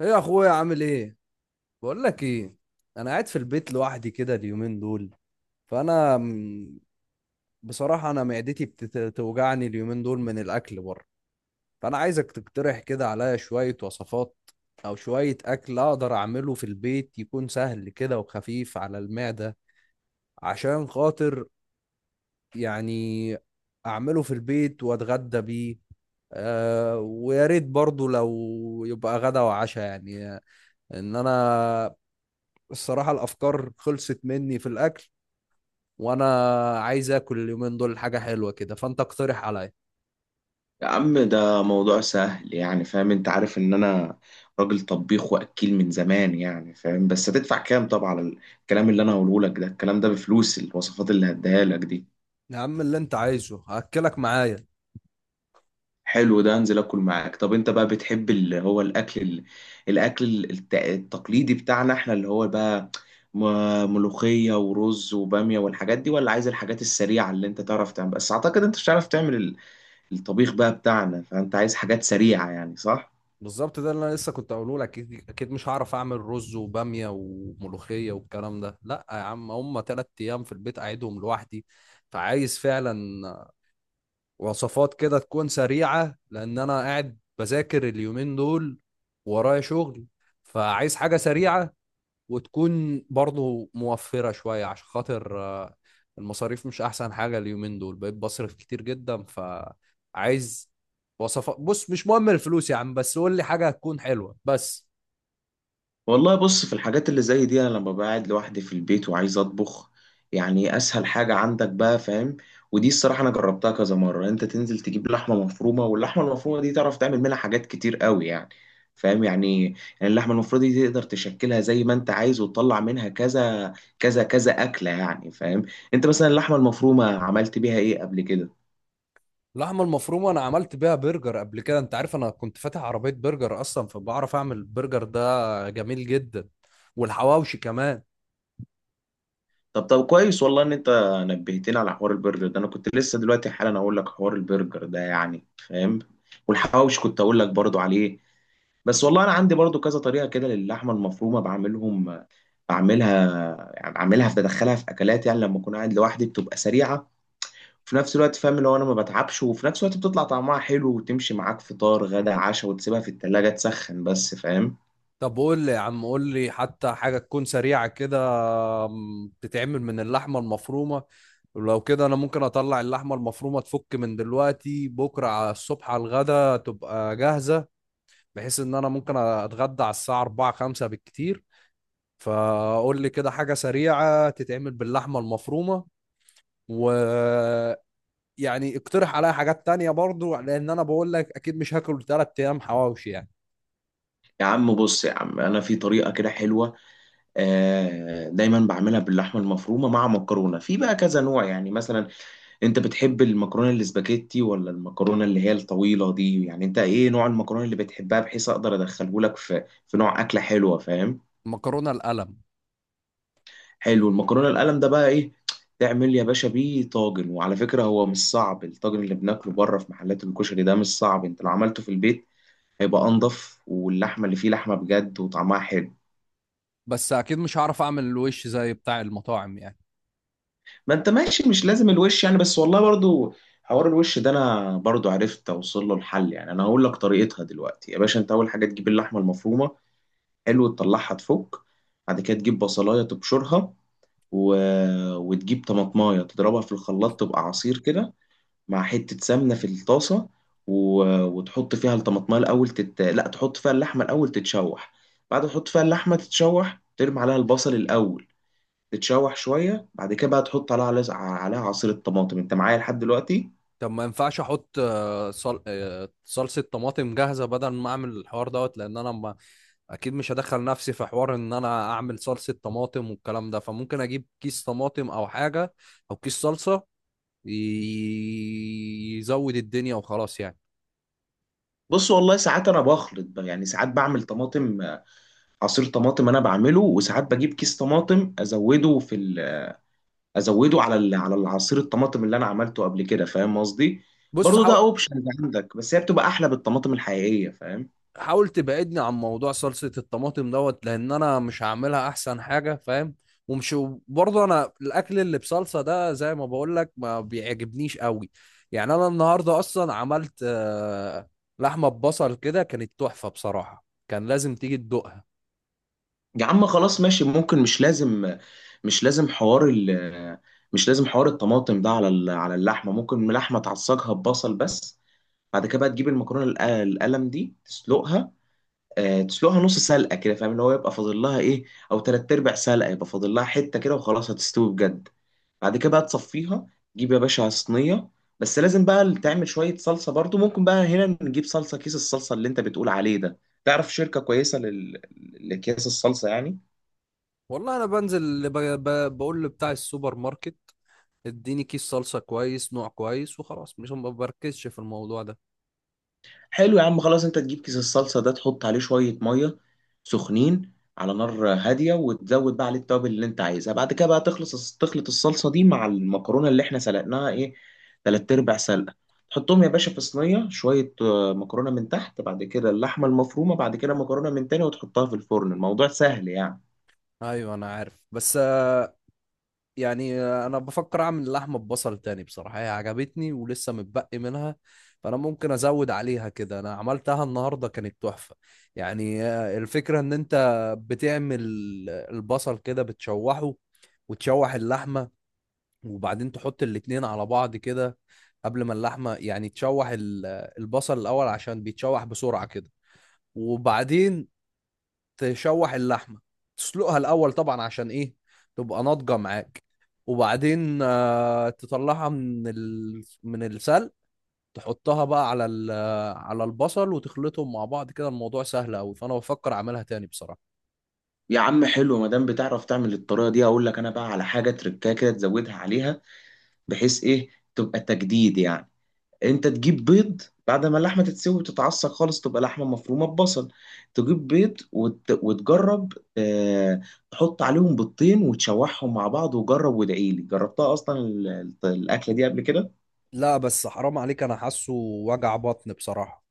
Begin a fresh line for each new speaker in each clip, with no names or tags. ايه يا اخويا، عامل ايه؟ بقول لك ايه. انا قاعد في البيت لوحدي كده اليومين دول. فانا م- بصراحه انا معدتي بتوجعني اليومين دول من الاكل بره. فانا عايزك تقترح كده عليا شويه وصفات او شويه اكل اقدر اعمله في البيت، يكون سهل كده وخفيف على المعده، عشان خاطر يعني اعمله في البيت واتغدى بيه. آه، ويا ريت برضو لو يبقى غدا وعشاء يعني. ان انا الصراحة الأفكار خلصت مني في الأكل، وأنا عايز آكل اليومين دول حاجة حلوة كده، فأنت اقترح عليا.
يا عم ده موضوع سهل، يعني فاهم؟ انت عارف ان انا راجل طبيخ واكيل من زمان، يعني فاهم؟ بس هتدفع كام طبعا على الكلام اللي انا هقوله لك ده؟ الكلام ده بفلوس، الوصفات اللي هديها لك دي.
يا عم اللي أنت عايزه هأكلك معايا.
حلو ده، انزل اكل معاك. طب انت بقى بتحب اللي هو الاكل التقليدي بتاعنا احنا، اللي هو بقى ملوخية ورز وبامية والحاجات دي، ولا عايز الحاجات السريعة اللي انت تعرف تعمل؟ بس اعتقد انت مش هتعرف تعمل الطبيخ بقى بتاعنا، فانت عايز حاجات سريعة يعني، صح؟
بالظبط، ده اللي أنا لسه كنت أقوله لك. أكيد أكيد مش هعرف أعمل رز وبامية وملوخية والكلام ده، لأ يا عم، هما تلات أيام في البيت أقعدهم لوحدي، فعايز فعلا وصفات كده تكون سريعة لأن أنا قاعد بذاكر اليومين دول ورايا شغل. فعايز حاجة سريعة، وتكون برضه موفرة شوية عشان خاطر المصاريف مش أحسن حاجة اليومين دول، بقيت بصرف كتير جدا، فعايز وصفات. بص مش مهم الفلوس يا عم، بس قول لي حاجة هتكون حلوة بس.
والله بص، في الحاجات اللي زي دي انا لما بقعد لوحدي في البيت وعايز اطبخ، يعني اسهل حاجة عندك بقى فاهم، ودي الصراحة انا جربتها كذا مرة. انت تنزل تجيب لحمة مفرومة، واللحمة المفرومة دي تعرف تعمل منها حاجات كتير قوي يعني، فاهم؟ يعني اللحمة المفرومة دي تقدر تشكلها زي ما انت عايز، وتطلع منها كذا كذا اكلة يعني، فاهم؟ انت مثلا اللحمة المفرومة عملت بيها ايه قبل كده؟
اللحمة المفرومة أنا عملت بيها برجر قبل كده. أنت عارف أنا كنت فاتح عربية برجر أصلا فبعرف أعمل برجر، ده جميل جدا، والحواوشي كمان.
طب كويس، والله ان انت نبهتني على حوار البرجر ده، انا كنت لسه دلوقتي حالا اقول لك حوار البرجر ده يعني فاهم، والحواوش كنت اقول لك برضو عليه. بس والله انا عندي برضو كذا طريقه كده للحمه المفرومه، بعملها يعني، بعملها بدخلها في اكلات، يعني لما اكون قاعد لوحدي بتبقى سريعه وفي نفس الوقت فاهم، لو انا ما بتعبش وفي نفس الوقت بتطلع طعمها حلو، وتمشي معاك فطار غدا عشاء، وتسيبها في التلاجة تسخن بس، فاهم؟
طب قول لي يا عم، قول لي حتى حاجة تكون سريعة كده، تتعمل من اللحمة المفرومة. لو كده انا ممكن اطلع اللحمه المفرومه تفك من دلوقتي، بكره على الصبح على الغدا تبقى جاهزه، بحيث ان انا ممكن اتغدى على الساعه 4 5 بالكتير. فقول لي كده حاجه سريعه تتعمل باللحمه المفرومه، و يعني اقترح عليا حاجات تانية برضو لان انا بقول لك اكيد مش هاكل 3 ايام حواوشي يعني.
يا عم بص، يا عم انا في طريقه كده حلوه، دايما بعملها باللحمه المفرومه مع مكرونه، في بقى كذا نوع يعني. مثلا انت بتحب المكرونه الاسباجيتي، ولا المكرونه اللي هي الطويله دي؟ يعني انت ايه نوع المكرونه اللي بتحبها، بحيث اقدر ادخله لك في نوع اكله حلوه فاهم؟
مكرونه القلم.
حلو، المكرونه القلم ده بقى، ايه تعمل يا باشا بيه؟ طاجن. وعلى فكره هو مش صعب، الطاجن اللي بناكله بره في محلات الكشري ده مش صعب، انت لو عملته في البيت هيبقى انضف، واللحمه اللي فيه لحمه بجد وطعمها حلو.
بس اكيد مش هعرف اعمل الوش زي بتاع المطاعم يعني.
ما انت ماشي، مش لازم الوش يعني. بس والله برضو حوار الوش ده انا برضو عرفت اوصل له الحل، يعني انا هقول لك طريقتها دلوقتي يا باشا. انت اول حاجه تجيب اللحمه المفرومه، حلو، تطلعها تفك. بعد كده تجيب بصلايه تبشرها، و... وتجيب طماطمايه تضربها في الخلاط تبقى عصير كده، مع حته سمنه في الطاسه، و... وتحط فيها الطماطمايه الاول لا، تحط فيها اللحمه الاول تتشوح. بعد ما تحط فيها اللحمه تتشوح، ترمي عليها البصل الاول تتشوح شويه، بعد كده بقى تحط عليها عصير الطماطم. انت معايا لحد دلوقتي؟
طب ما ينفعش احط صلصة طماطم جاهزة بدل ما اعمل الحوار دوت، لان انا ما... اكيد مش هدخل نفسي في حوار ان انا اعمل صلصة طماطم والكلام ده، فممكن اجيب كيس طماطم او حاجة، او كيس صلصة، يزود الدنيا وخلاص يعني.
بص والله ساعات انا بخلط بقى يعني، ساعات بعمل طماطم، عصير طماطم انا بعمله، وساعات بجيب كيس طماطم ازوده ازوده على العصير الطماطم اللي انا عملته قبل كده، فاهم قصدي؟
بص
برضو ده
حاول.
اوبشن عندك، بس هي بتبقى احلى بالطماطم الحقيقيه فاهم.
حاول تبعدني عن موضوع صلصة الطماطم دوت لأن أنا مش هعملها أحسن حاجة فاهم. ومش، برضه أنا الأكل اللي بصلصة ده زي ما بقول لك ما بيعجبنيش قوي. يعني أنا النهاردة أصلا عملت لحمة ببصل كده، كانت تحفة بصراحة، كان لازم تيجي تدوقها.
يا عم خلاص ماشي، ممكن مش لازم، مش لازم حوار ال... مش لازم حوار الطماطم ده على على اللحمه، ممكن اللحمه تعصجها ببصل بس. بعد كده بقى تجيب المكرونه القلم دي تسلقها، تسلقها نص سلقه كده، فاهم ان هو يبقى فاضل لها ايه، او تلات ارباع سلقه، يبقى فاضل لها حته كده وخلاص هتستوي بجد. بعد كده بقى تصفيها، تجيب يا باشا صينيه. بس لازم بقى تعمل شويه صلصه برضو، ممكن بقى هنا نجيب صلصه، كيس الصلصه اللي انت بتقول عليه ده. تعرف شركه كويسه لاكياس الصلصه يعني؟
والله أنا بنزل اللي بقول لبتاع السوبر ماركت، اديني كيس صلصة كويس، نوع كويس، وخلاص مش، ما بركزش في الموضوع ده.
حلو يا عم خلاص، انت تجيب كيس الصلصه ده، تحط عليه شويه ميه سخنين على نار هاديه، وتزود بقى عليه التوابل اللي انت عايزها. بعد كده بقى تخلص، تخلط الصلصه دي مع المكرونه اللي احنا سلقناها ايه، تلات ارباع سلقه. تحطهم يا باشا في صينيه، شويه مكرونه من تحت، بعد كده اللحمه المفرومه، بعد كده مكرونه من تاني، وتحطها في الفرن. الموضوع سهل يعني.
أيوه أنا عارف، بس يعني انا بفكر اعمل لحمه ببصل تاني بصراحه، هي عجبتني ولسه متبقي منها، فانا ممكن ازود عليها كده. انا عملتها النهارده كانت تحفه. يعني الفكره ان انت بتعمل البصل كده بتشوحه، وتشوح اللحمه، وبعدين تحط الاتنين على بعض كده. قبل ما اللحمه يعني تشوح البصل الاول عشان بيتشوح بسرعه كده، وبعدين تشوح اللحمه، تسلقها الاول طبعا عشان ايه؟ تبقى ناضجه معاك. وبعدين تطلعها من السلق، تحطها بقى على البصل وتخلطهم مع بعض كده. الموضوع سهل قوي، فانا بفكر اعملها تاني بصراحه.
يا عم حلو، ما دام بتعرف تعمل الطريقه دي، اقول لك انا بقى على حاجه تركاكه كده تزودها عليها، بحيث ايه، تبقى تجديد يعني. انت تجيب بيض بعد ما اللحمه تتسوي وتتعصق خالص، تبقى لحمه مفرومه ببصل، تجيب بيض وتجرب، آه... تحط عليهم بيضتين وتشوحهم مع بعض، وجرب وادعي لي، جربتها اصلا الاكله دي قبل كده.
لا بس حرام عليك، انا حاسه وجع بطن بصراحه.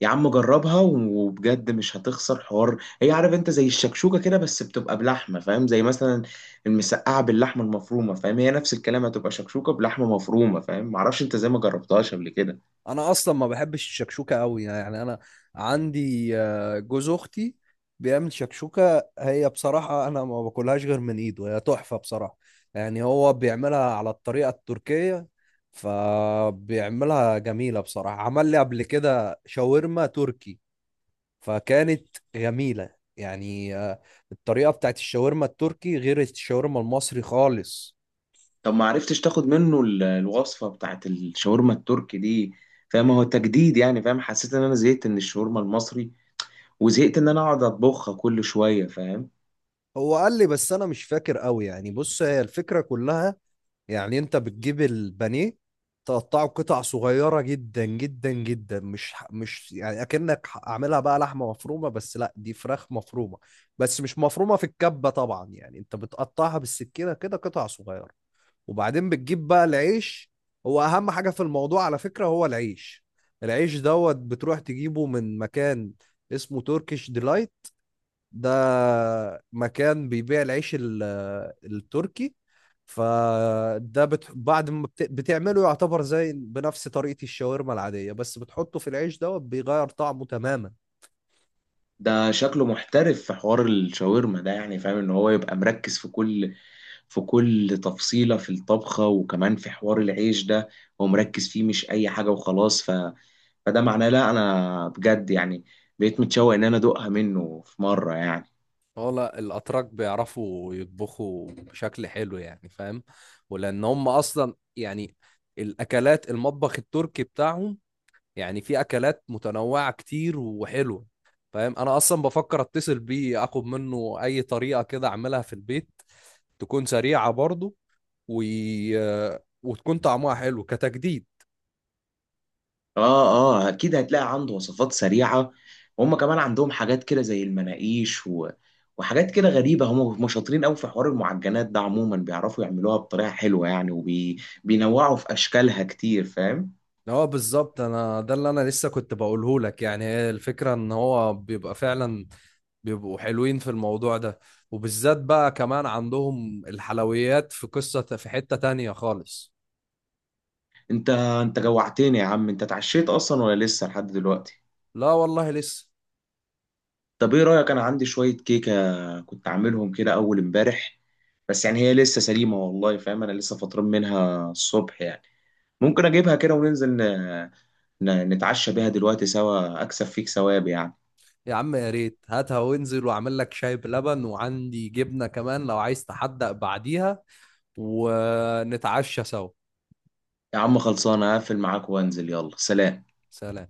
يا عم جربها وبجد مش هتخسر حوار، هي عارف انت زي الشكشوكه كده، بس بتبقى بلحمه فاهم، زي مثلا المسقعه باللحمه المفرومه فاهم، هي نفس الكلام، هتبقى شكشوكه بلحمه مفرومه فاهم، معرفش انت زي ما جربتهاش قبل كده.
انا اصلا ما بحبش الشكشوكه قوي يعني. انا عندي جوز اختي بيعمل شكشوكه، هي بصراحه انا ما باكلهاش غير من ايده، هي تحفه بصراحه. يعني هو بيعملها على الطريقه التركيه، فبيعملها جميله بصراحه. عمل لي قبل كده شاورما تركي، فكانت جميله يعني. الطريقه بتاعت الشاورما التركي غير الشاورما المصري خالص.
طب ما عرفتش تاخد منه الوصفة بتاعت الشاورما التركي دي؟ فاهم هو تجديد يعني، فاهم حسيت ان انا زهقت من الشاورما المصري، وزهقت ان انا اقعد اطبخها كل شوية فاهم.
هو قال لي بس انا مش فاكر قوي يعني. بص هي الفكره كلها، يعني انت بتجيب البانيه، تقطعه قطع صغيرة جدا جدا جدا، مش يعني اكنك اعملها بقى لحمة مفرومة، بس لا، دي فراخ مفرومة، بس مش مفرومة في الكبة طبعا. يعني انت بتقطعها بالسكينة كده قطع صغيرة، وبعدين بتجيب بقى العيش. هو اهم حاجة في الموضوع على فكرة هو العيش. العيش دوت بتروح تجيبه من مكان اسمه تركيش ديلايت. ده مكان بيبيع العيش التركي. فده بعد ما بتعمله يعتبر زي بنفس طريقة الشاورما العادية، بس بتحطه في العيش دوت بيغير طعمه تماما.
ده شكله محترف في حوار الشاورما ده، يعني فاهم ان هو يبقى مركز في كل، في كل تفصيلة في الطبخة، وكمان في حوار العيش ده هو مركز فيه، مش اي حاجة وخلاص. فده معناه لا، انا بجد يعني بقيت متشوق ان انا ادوقها منه في مرة يعني.
هو لا، الاتراك بيعرفوا يطبخوا بشكل حلو يعني فاهم. ولان هم اصلا يعني الاكلات المطبخ التركي بتاعهم، يعني في اكلات متنوعه كتير وحلوه فاهم. انا اصلا بفكر اتصل بيه اخد منه اي طريقه كده اعملها في البيت، تكون سريعة برضو و... وتكون طعمها حلو كتجديد.
اه اه، اكيد هتلاقي عنده وصفات سريعه، وهم كمان عندهم حاجات كده زي المناقيش وحاجات كده غريبه، هم شاطرين قوي في حوار المعجنات ده عموما، بيعرفوا يعملوها بطريقه حلوه يعني، وبينوعوا في اشكالها كتير فاهم.
هو بالظبط، انا ده اللي انا لسه كنت بقوله لك. يعني هي الفكرة ان هو بيبقى فعلا، بيبقوا حلوين في الموضوع ده، وبالذات بقى كمان عندهم الحلويات في قصة في حتة تانية خالص.
انت جوعتني يا عم، انت اتعشيت اصلا ولا لسه لحد دلوقتي؟
لا والله لسه.
طب ايه رايك، انا عندي شويه كيكه كنت عاملهم كده اول امبارح، بس يعني هي لسه سليمه والله فاهم، انا لسه فطران منها الصبح يعني. ممكن اجيبها كده وننزل نتعشى بيها دلوقتي سوا، اكسب فيك ثواب يعني.
يا عم يا ريت هاتها، وانزل واعمل لك شاي بلبن، وعندي جبنة كمان لو عايز تحدق بعديها، ونتعشى سوا.
يا عم خلصانه، هقفل معاك وانزل، يلا سلام.
سلام.